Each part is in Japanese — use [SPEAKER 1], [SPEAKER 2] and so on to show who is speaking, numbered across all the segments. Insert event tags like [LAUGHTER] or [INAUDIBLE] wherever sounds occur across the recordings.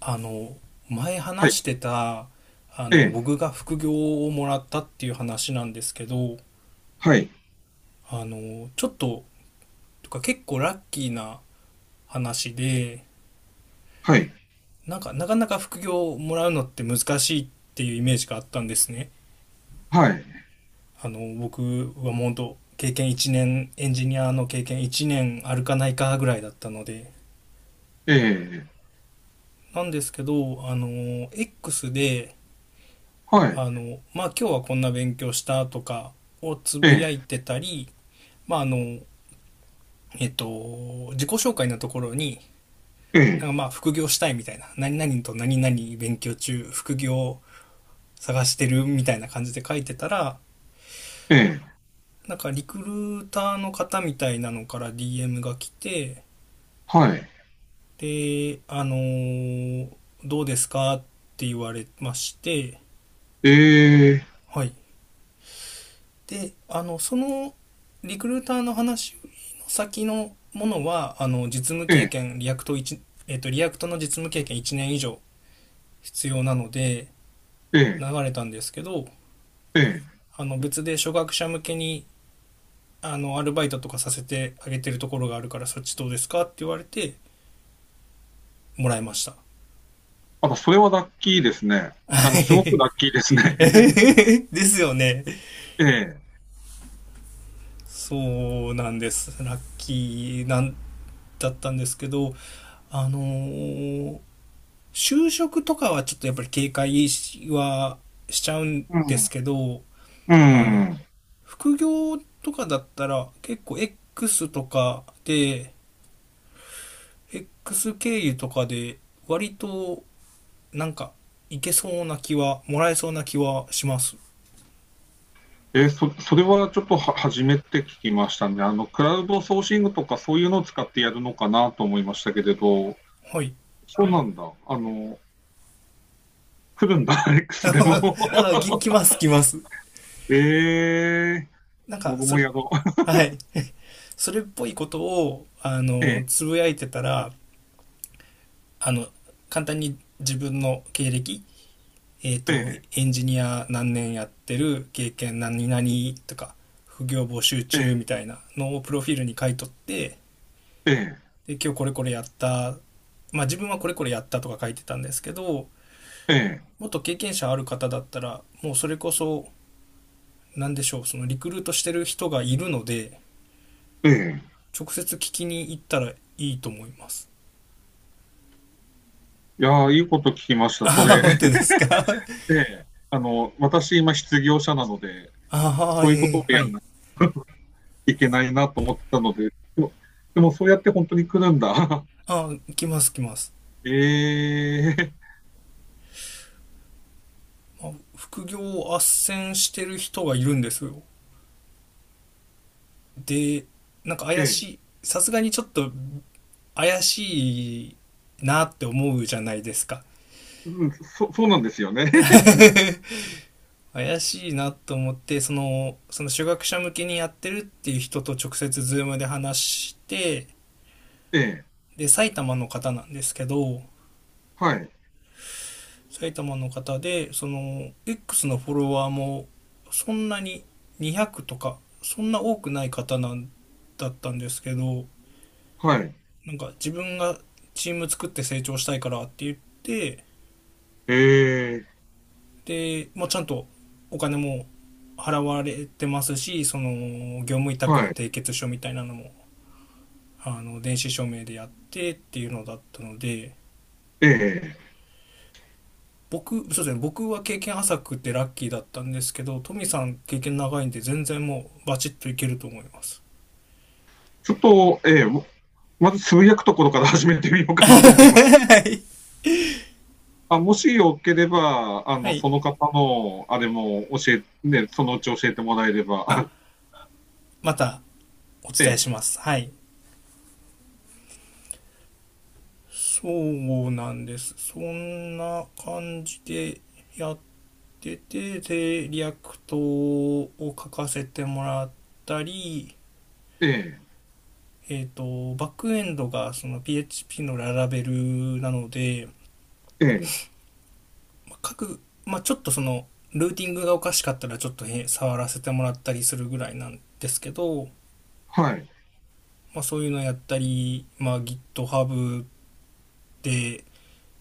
[SPEAKER 1] あの前
[SPEAKER 2] はい、
[SPEAKER 1] 話してた
[SPEAKER 2] ええ、
[SPEAKER 1] 僕が副業をもらったっていう話なんですけど、
[SPEAKER 2] はい、
[SPEAKER 1] あのちょっととか結構ラッキーな話で、
[SPEAKER 2] はい、
[SPEAKER 1] なんかなかなか副業をもらうのって難しいっていうイメージがあったんですね。
[SPEAKER 2] はい、
[SPEAKER 1] 僕はもうと経験1年エンジニアの経験1年あるかないかぐらいだったので。
[SPEAKER 2] ええ、
[SPEAKER 1] なんですけど、あの X で、
[SPEAKER 2] はい、
[SPEAKER 1] まあ、今日はこんな勉強したとかをつ
[SPEAKER 2] え
[SPEAKER 1] ぶ
[SPEAKER 2] え、
[SPEAKER 1] やいてたり、まあ、あの、自己紹介のところに、
[SPEAKER 2] ええ、
[SPEAKER 1] 副業したいみたいな、何々と何々勉強中、副業探してるみたいな感じで書いてたら、
[SPEAKER 2] ええ、
[SPEAKER 1] なんかリクルーターの方みたいなのから DM が来て、
[SPEAKER 2] はい、
[SPEAKER 1] で、あのどうですかって言われまして、
[SPEAKER 2] ええ、
[SPEAKER 1] はい。であのそのリクルーターの話の先のものは、あの実務
[SPEAKER 2] え
[SPEAKER 1] 経
[SPEAKER 2] え、
[SPEAKER 1] 験リアクトの実務経験1年以上必要なので
[SPEAKER 2] ええ、
[SPEAKER 1] 流れたんですけど、
[SPEAKER 2] ええ。
[SPEAKER 1] あの別で初学者向けに、あのアルバイトとかさせてあげてるところがあるからそっちどうですかって言われてもらいました。
[SPEAKER 2] あ、それはラッキーですね。すごく
[SPEAKER 1] [LAUGHS]
[SPEAKER 2] ラッキーですね。[LAUGHS]
[SPEAKER 1] ですよね。
[SPEAKER 2] ええ、
[SPEAKER 1] そうなんです、ラッキーなんだったんですけど、あのー、就職とかはちょっとやっぱり警戒はしちゃうん
[SPEAKER 2] う
[SPEAKER 1] です
[SPEAKER 2] ん、
[SPEAKER 1] けど、
[SPEAKER 2] う
[SPEAKER 1] あの、
[SPEAKER 2] ん。
[SPEAKER 1] 副業とかだったら結構 X とかで、X 経由とかで割となんかいけそうな気は、もらえそうな気はします。
[SPEAKER 2] えー、それはちょっとは初めて聞きましたね。クラウドソーシングとかそういうのを使ってやるのかなと思いましたけれど、
[SPEAKER 1] はい。
[SPEAKER 2] そうなんだ。来るんだ、[LAUGHS]
[SPEAKER 1] [LAUGHS] な
[SPEAKER 2] X
[SPEAKER 1] ん
[SPEAKER 2] でも。[LAUGHS]
[SPEAKER 1] かき、来ます、来ます。
[SPEAKER 2] ええ、
[SPEAKER 1] なんか、
[SPEAKER 2] 僕
[SPEAKER 1] そ
[SPEAKER 2] も
[SPEAKER 1] れ、
[SPEAKER 2] やろう。[LAUGHS]
[SPEAKER 1] はい。それっぽいことを、あ
[SPEAKER 2] え
[SPEAKER 1] の、
[SPEAKER 2] え、
[SPEAKER 1] つぶやいてたら、あの、簡単に自分の経歴、
[SPEAKER 2] ええ、
[SPEAKER 1] エンジニア何年やってる経験何々とか、副業募集
[SPEAKER 2] ええ、
[SPEAKER 1] 中みたいなのをプロフィールに書いとって、
[SPEAKER 2] ええ。
[SPEAKER 1] で、今日これこれやった、まあ自分はこれこれやったとか書いてたんですけど、
[SPEAKER 2] ええ、
[SPEAKER 1] もっと経験者ある方だったら、もうそれこそ、何でしょう、そのリクルートしてる人がいるので、
[SPEAKER 2] ええ。
[SPEAKER 1] 直接聞きに行ったらいいと思います。
[SPEAKER 2] いやー、いいこと聞きました。そ
[SPEAKER 1] ああ、
[SPEAKER 2] れ、
[SPEAKER 1] 本当で
[SPEAKER 2] [LAUGHS]
[SPEAKER 1] すか。 [LAUGHS]
[SPEAKER 2] ええ。私、今、失業者なので、
[SPEAKER 1] ああ、
[SPEAKER 2] そ
[SPEAKER 1] え
[SPEAKER 2] ういうことを
[SPEAKER 1] ー、は
[SPEAKER 2] やん
[SPEAKER 1] い。
[SPEAKER 2] ないと [LAUGHS] いけないなと思ってたので、でも、でもそうやって本当に来るんだ。[LAUGHS]
[SPEAKER 1] ああ、来ます来ます。
[SPEAKER 2] ええ、
[SPEAKER 1] まあ副業を斡旋してる人がいるんですよ。で、なんか
[SPEAKER 2] え
[SPEAKER 1] 怪し
[SPEAKER 2] え。
[SPEAKER 1] い、さすがにちょっと怪しいなって思うじゃないですか。
[SPEAKER 2] うん、そうなんですよね。
[SPEAKER 1] [LAUGHS]。
[SPEAKER 2] [LAUGHS]
[SPEAKER 1] 怪しいなと思って、その初学者向けにやってるっていう人と直接ズームで話して、
[SPEAKER 2] ええ。
[SPEAKER 1] で、埼玉の方なんですけど、
[SPEAKER 2] はい、
[SPEAKER 1] 埼玉の方で、その、X のフォロワーもそんなに200とか、そんな多くない方なんだったんですけど、
[SPEAKER 2] はい。
[SPEAKER 1] なんか自分がチーム作って成長したいからって言って、
[SPEAKER 2] ええ、
[SPEAKER 1] で、もうちゃんとお金も払われてますし、その業務委託
[SPEAKER 2] は
[SPEAKER 1] の
[SPEAKER 2] い。
[SPEAKER 1] 締結書みたいなのも、あの、電子署名でやってっていうのだったので。
[SPEAKER 2] ええ。
[SPEAKER 1] 僕、そうですね、僕は経験浅くてラッキーだったんですけど、トミさん経験長いんで全然もうバチッといけると思います。
[SPEAKER 2] ちょっと、ええ、まずつぶやくところから始めてみようかなと思います。
[SPEAKER 1] はい。
[SPEAKER 2] あ、もしよければ、
[SPEAKER 1] はい。
[SPEAKER 2] その方の、あれも教え、ね、そのうち教えてもらえれば。
[SPEAKER 1] あ、
[SPEAKER 2] [LAUGHS]
[SPEAKER 1] またお伝え
[SPEAKER 2] え
[SPEAKER 1] します。はい。そうなんです。そんな感じでやってて、で、リアクトを書かせてもらったり、
[SPEAKER 2] え、ええ、
[SPEAKER 1] バックエンドがその PHP のララベルなので、
[SPEAKER 2] ええ、
[SPEAKER 1] 書く各、まあ、ちょっとその、ルーティングがおかしかったらちょっと触らせてもらったりするぐらいなんですけど、
[SPEAKER 2] はい。
[SPEAKER 1] まあ、そういうのやったり、まあ、GitHub で、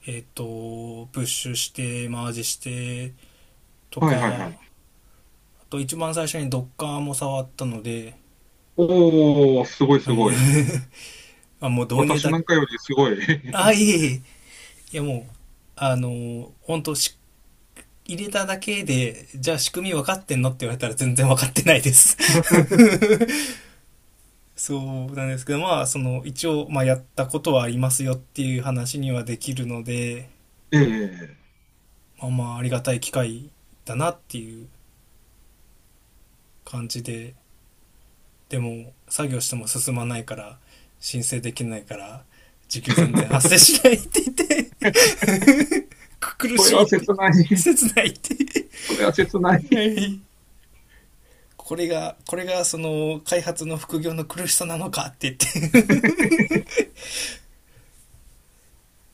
[SPEAKER 1] プッシュして、マージしてと
[SPEAKER 2] はいはいは
[SPEAKER 1] か、
[SPEAKER 2] い。
[SPEAKER 1] あと一番最初に Docker も触ったので。
[SPEAKER 2] おーすごいす
[SPEAKER 1] はい。
[SPEAKER 2] ごい。
[SPEAKER 1] [LAUGHS] まあもう導入
[SPEAKER 2] 私
[SPEAKER 1] だ。
[SPEAKER 2] なんかよりすごい。
[SPEAKER 1] あ、い
[SPEAKER 2] [LAUGHS]
[SPEAKER 1] えいえ。いや、もう、あのー、本当し、入れただけで、じゃあ仕組み分かってんのって言われたら全然分かってないです。[LAUGHS] そうなんですけど、まあ、その、一応、まあ、やったことはありますよっていう話にはできるので、
[SPEAKER 2] ええ。
[SPEAKER 1] まあまあ、ありがたい機会だなっていう感じで。でも、作業しても進まないから、申請できないから、時給全然発生
[SPEAKER 2] [LAUGHS]
[SPEAKER 1] しないって言って、苦
[SPEAKER 2] それ
[SPEAKER 1] しい
[SPEAKER 2] は
[SPEAKER 1] って、
[SPEAKER 2] 切ない。[LAUGHS]
[SPEAKER 1] 切ないって。
[SPEAKER 2] それは切ない。
[SPEAKER 1] [LAUGHS] はい。これがその開発の副業の苦しさなのかって言って。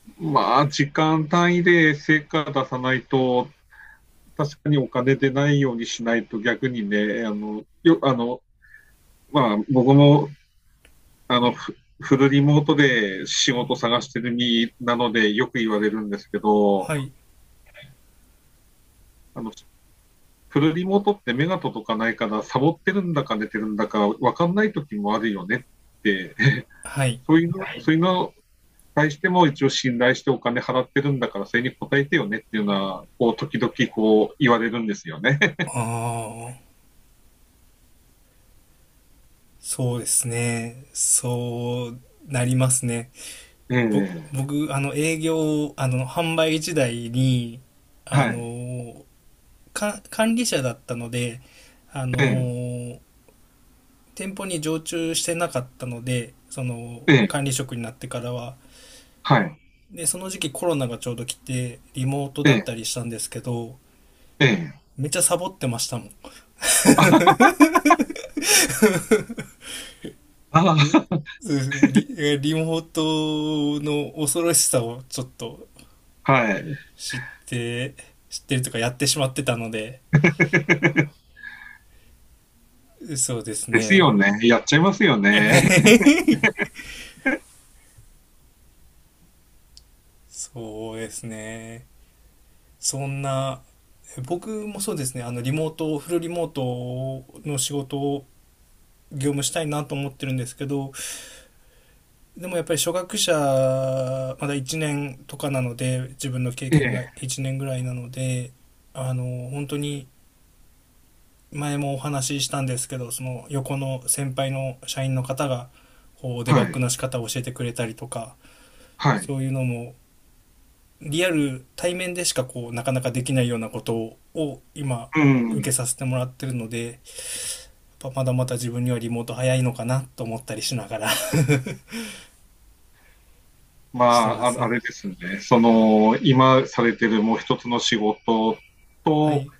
[SPEAKER 2] [LAUGHS] まあ、時間単位で成果出さないと、確かにお金出ないようにしないと逆にね、あの、よ、あの、まあ、僕もあの、フフルリモートで仕事探してる身なのでよく言われるんですけ
[SPEAKER 1] [LAUGHS]
[SPEAKER 2] ど、
[SPEAKER 1] はい。
[SPEAKER 2] あの、フルリモートって目が届かないから、サボってるんだか寝てるんだか分かんない時もあるよねって、[LAUGHS]
[SPEAKER 1] はい。
[SPEAKER 2] そういうのに対しても一応信頼してお金払ってるんだから、それに応えてよねっていうのは、こう、時々こう言われるんですよね。
[SPEAKER 1] ああ、そうですね。そうなりますね。
[SPEAKER 2] [LAUGHS] ええ
[SPEAKER 1] 僕、あの、あの、販売時代に、
[SPEAKER 2] は
[SPEAKER 1] あ
[SPEAKER 2] い、
[SPEAKER 1] の、管理者だったので、あ
[SPEAKER 2] え
[SPEAKER 1] の、店舗に常駐してなかったので、その、
[SPEAKER 2] ええ
[SPEAKER 1] 管
[SPEAKER 2] ー
[SPEAKER 1] 理職になってからは。
[SPEAKER 2] はい、
[SPEAKER 1] で、その時期コロナがちょうど来て、リモート
[SPEAKER 2] え
[SPEAKER 1] だった
[SPEAKER 2] え
[SPEAKER 1] りしたんですけど、
[SPEAKER 2] ええ
[SPEAKER 1] めっちゃサボってましたもん。
[SPEAKER 2] あ、[LAUGHS]
[SPEAKER 1] う、
[SPEAKER 2] あ、
[SPEAKER 1] そうですね。リモートの恐ろしさをちょっと
[SPEAKER 2] はい。
[SPEAKER 1] 知って、知ってるとかやってしまってたので。
[SPEAKER 2] [LAUGHS]
[SPEAKER 1] そうです
[SPEAKER 2] ですよ
[SPEAKER 1] ね。
[SPEAKER 2] ね。やっちゃいますよね。
[SPEAKER 1] そうですね。そんな、僕もそうですね、あの、リモート、フルリモートの仕事を業務したいなと思ってるんですけど、でもやっぱり初学者、まだ1年とかなので、自分の経
[SPEAKER 2] え
[SPEAKER 1] 験
[SPEAKER 2] え、
[SPEAKER 1] が1年ぐらいなので、あの、本当に前もお話ししたんですけど、その横の先輩の社員の方がこうデ
[SPEAKER 2] は
[SPEAKER 1] バッグ
[SPEAKER 2] い、
[SPEAKER 1] の仕方を教えてくれたりとか、
[SPEAKER 2] は
[SPEAKER 1] そ
[SPEAKER 2] い。
[SPEAKER 1] ういうのもリアル対面でしかこうなかなかできないようなことを今
[SPEAKER 2] う
[SPEAKER 1] 受け
[SPEAKER 2] ん。
[SPEAKER 1] させてもらってるので、まだまだ自分にはリモート早いのかなと思ったりしながら
[SPEAKER 2] ま
[SPEAKER 1] [LAUGHS] してま
[SPEAKER 2] あ、
[SPEAKER 1] す
[SPEAKER 2] あ
[SPEAKER 1] ね。
[SPEAKER 2] れですね。その、今されてるもう一つの仕事
[SPEAKER 1] は
[SPEAKER 2] と、
[SPEAKER 1] い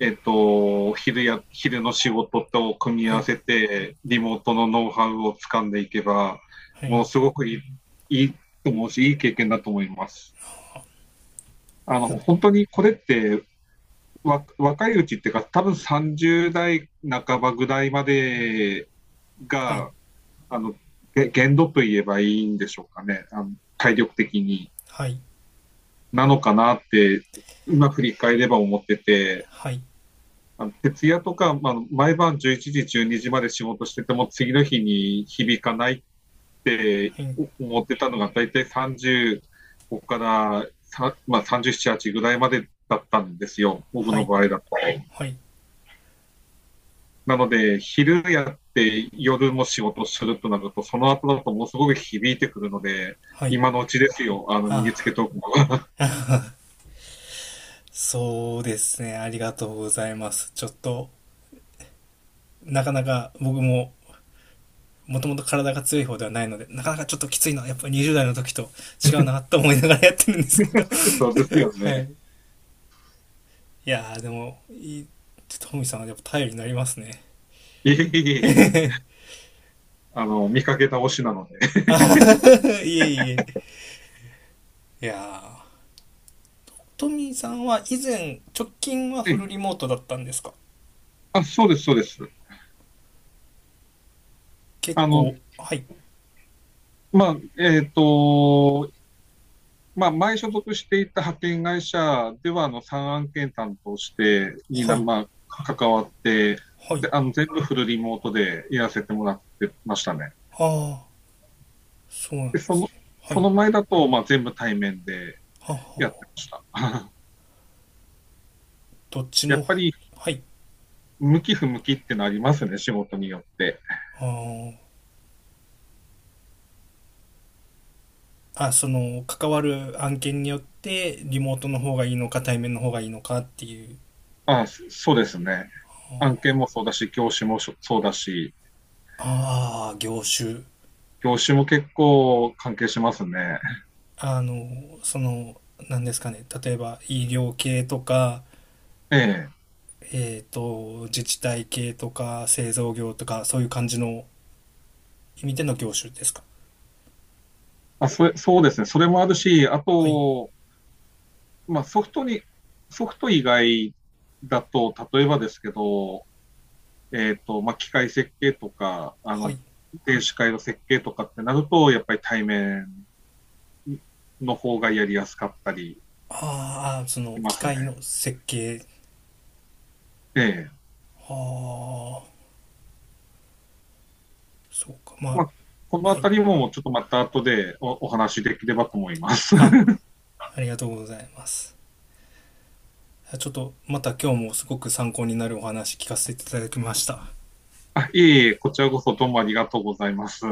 [SPEAKER 2] 昼の仕事と組み
[SPEAKER 1] は
[SPEAKER 2] 合わ
[SPEAKER 1] い
[SPEAKER 2] せて、リモートのノウハウを掴んでいけば、
[SPEAKER 1] は
[SPEAKER 2] も
[SPEAKER 1] い
[SPEAKER 2] うすごくいいと思うし、いい経験だと思います。本当にこれって、若いうちっていうか、多分30代半ばぐらいまで
[SPEAKER 1] はい
[SPEAKER 2] が、あの、限度と言えばいいんでしょうかね。体力的に。
[SPEAKER 1] はい
[SPEAKER 2] なのかなって、今振り返れば思ってて、
[SPEAKER 1] はい
[SPEAKER 2] 徹夜とか、まあ、毎晩11時、12時まで仕事してても、次の日に響かないって
[SPEAKER 1] はい
[SPEAKER 2] 思ってたのが、大体35から、まあ、37、8ぐらいまでだったんですよ。僕
[SPEAKER 1] は
[SPEAKER 2] の
[SPEAKER 1] い
[SPEAKER 2] 場合だと。
[SPEAKER 1] はい
[SPEAKER 2] なので、昼やって夜も仕事するとなると、その後だとものすごく響いてくるので、
[SPEAKER 1] はい。
[SPEAKER 2] 今のうちですよ、身につけ
[SPEAKER 1] ああ、
[SPEAKER 2] とくのは。
[SPEAKER 1] そうですね。ありがとうございます。ちょっとなかなか僕も、もともと体が強い方ではないので、なかなかちょっときついのはやっぱ20代の時と違うなと思いながらやってるんですけど。
[SPEAKER 2] [LAUGHS] そうですよ
[SPEAKER 1] [LAUGHS] はい。い
[SPEAKER 2] ね。
[SPEAKER 1] やーでも、いい、トミーさんはやっぱ頼りになりますね。
[SPEAKER 2] いえいえいえ、見かけ倒しなので。
[SPEAKER 1] [LAUGHS]。いえいえ。いやー、トミーさんは以前、直近はフル
[SPEAKER 2] [LAUGHS]
[SPEAKER 1] リモートだったんですか？
[SPEAKER 2] あ、そうです、そうです。
[SPEAKER 1] 結
[SPEAKER 2] あの、
[SPEAKER 1] 構、はい、
[SPEAKER 2] まあ、えっと、まあ、前所属していた派遣会社では、3案件担当して、
[SPEAKER 1] はい、
[SPEAKER 2] まあ、関わって、
[SPEAKER 1] はい。
[SPEAKER 2] で、全部フルリモートでやらせてもらってましたね。
[SPEAKER 1] ああ、そうな
[SPEAKER 2] で、
[SPEAKER 1] んで
[SPEAKER 2] そ
[SPEAKER 1] す
[SPEAKER 2] の、
[SPEAKER 1] ね。は
[SPEAKER 2] そ
[SPEAKER 1] い、
[SPEAKER 2] の前だと、まあ、全部対面で
[SPEAKER 1] は
[SPEAKER 2] やって
[SPEAKER 1] は。
[SPEAKER 2] ました。[LAUGHS]
[SPEAKER 1] どっち
[SPEAKER 2] や
[SPEAKER 1] の、
[SPEAKER 2] っぱり、
[SPEAKER 1] はい。
[SPEAKER 2] 向き不向きってのありますね、仕事によって。
[SPEAKER 1] ああ。あ、その関わる案件によってリモートの方がいいのか対面の方がいいのかっていう。
[SPEAKER 2] あ、そうですね。案件もそうだし、業種もそうだし、
[SPEAKER 1] ああ、業種。
[SPEAKER 2] 業種も結構関係しますね。
[SPEAKER 1] あの、その、何ですかね、例えば医療系とか、
[SPEAKER 2] ええ。
[SPEAKER 1] 自治体系とか製造業とか、そういう感じの意味での業種ですか？
[SPEAKER 2] あ、それ、そうですね。それもあるし、あ
[SPEAKER 1] はい
[SPEAKER 2] と、まあ、ソフト以外だと、例えばですけど、まあ、機械設計とか、
[SPEAKER 1] はい。
[SPEAKER 2] 電子回路設計とかってなると、やっぱり対面の方がやりやすかったり
[SPEAKER 1] ああ、その
[SPEAKER 2] しま
[SPEAKER 1] 機
[SPEAKER 2] すね。
[SPEAKER 1] 械の設計。
[SPEAKER 2] ええ
[SPEAKER 1] ああそうかま
[SPEAKER 2] まあ、こ
[SPEAKER 1] あ
[SPEAKER 2] のあ
[SPEAKER 1] はい。
[SPEAKER 2] たりもちょっとまた後でお話しできればと思います。
[SPEAKER 1] あ、
[SPEAKER 2] [LAUGHS]
[SPEAKER 1] ありがとうございます。ちょっとまた今日もすごく参考になるお話聞かせていただきました。
[SPEAKER 2] あいえいえ、こちらこそどうもありがとうございます。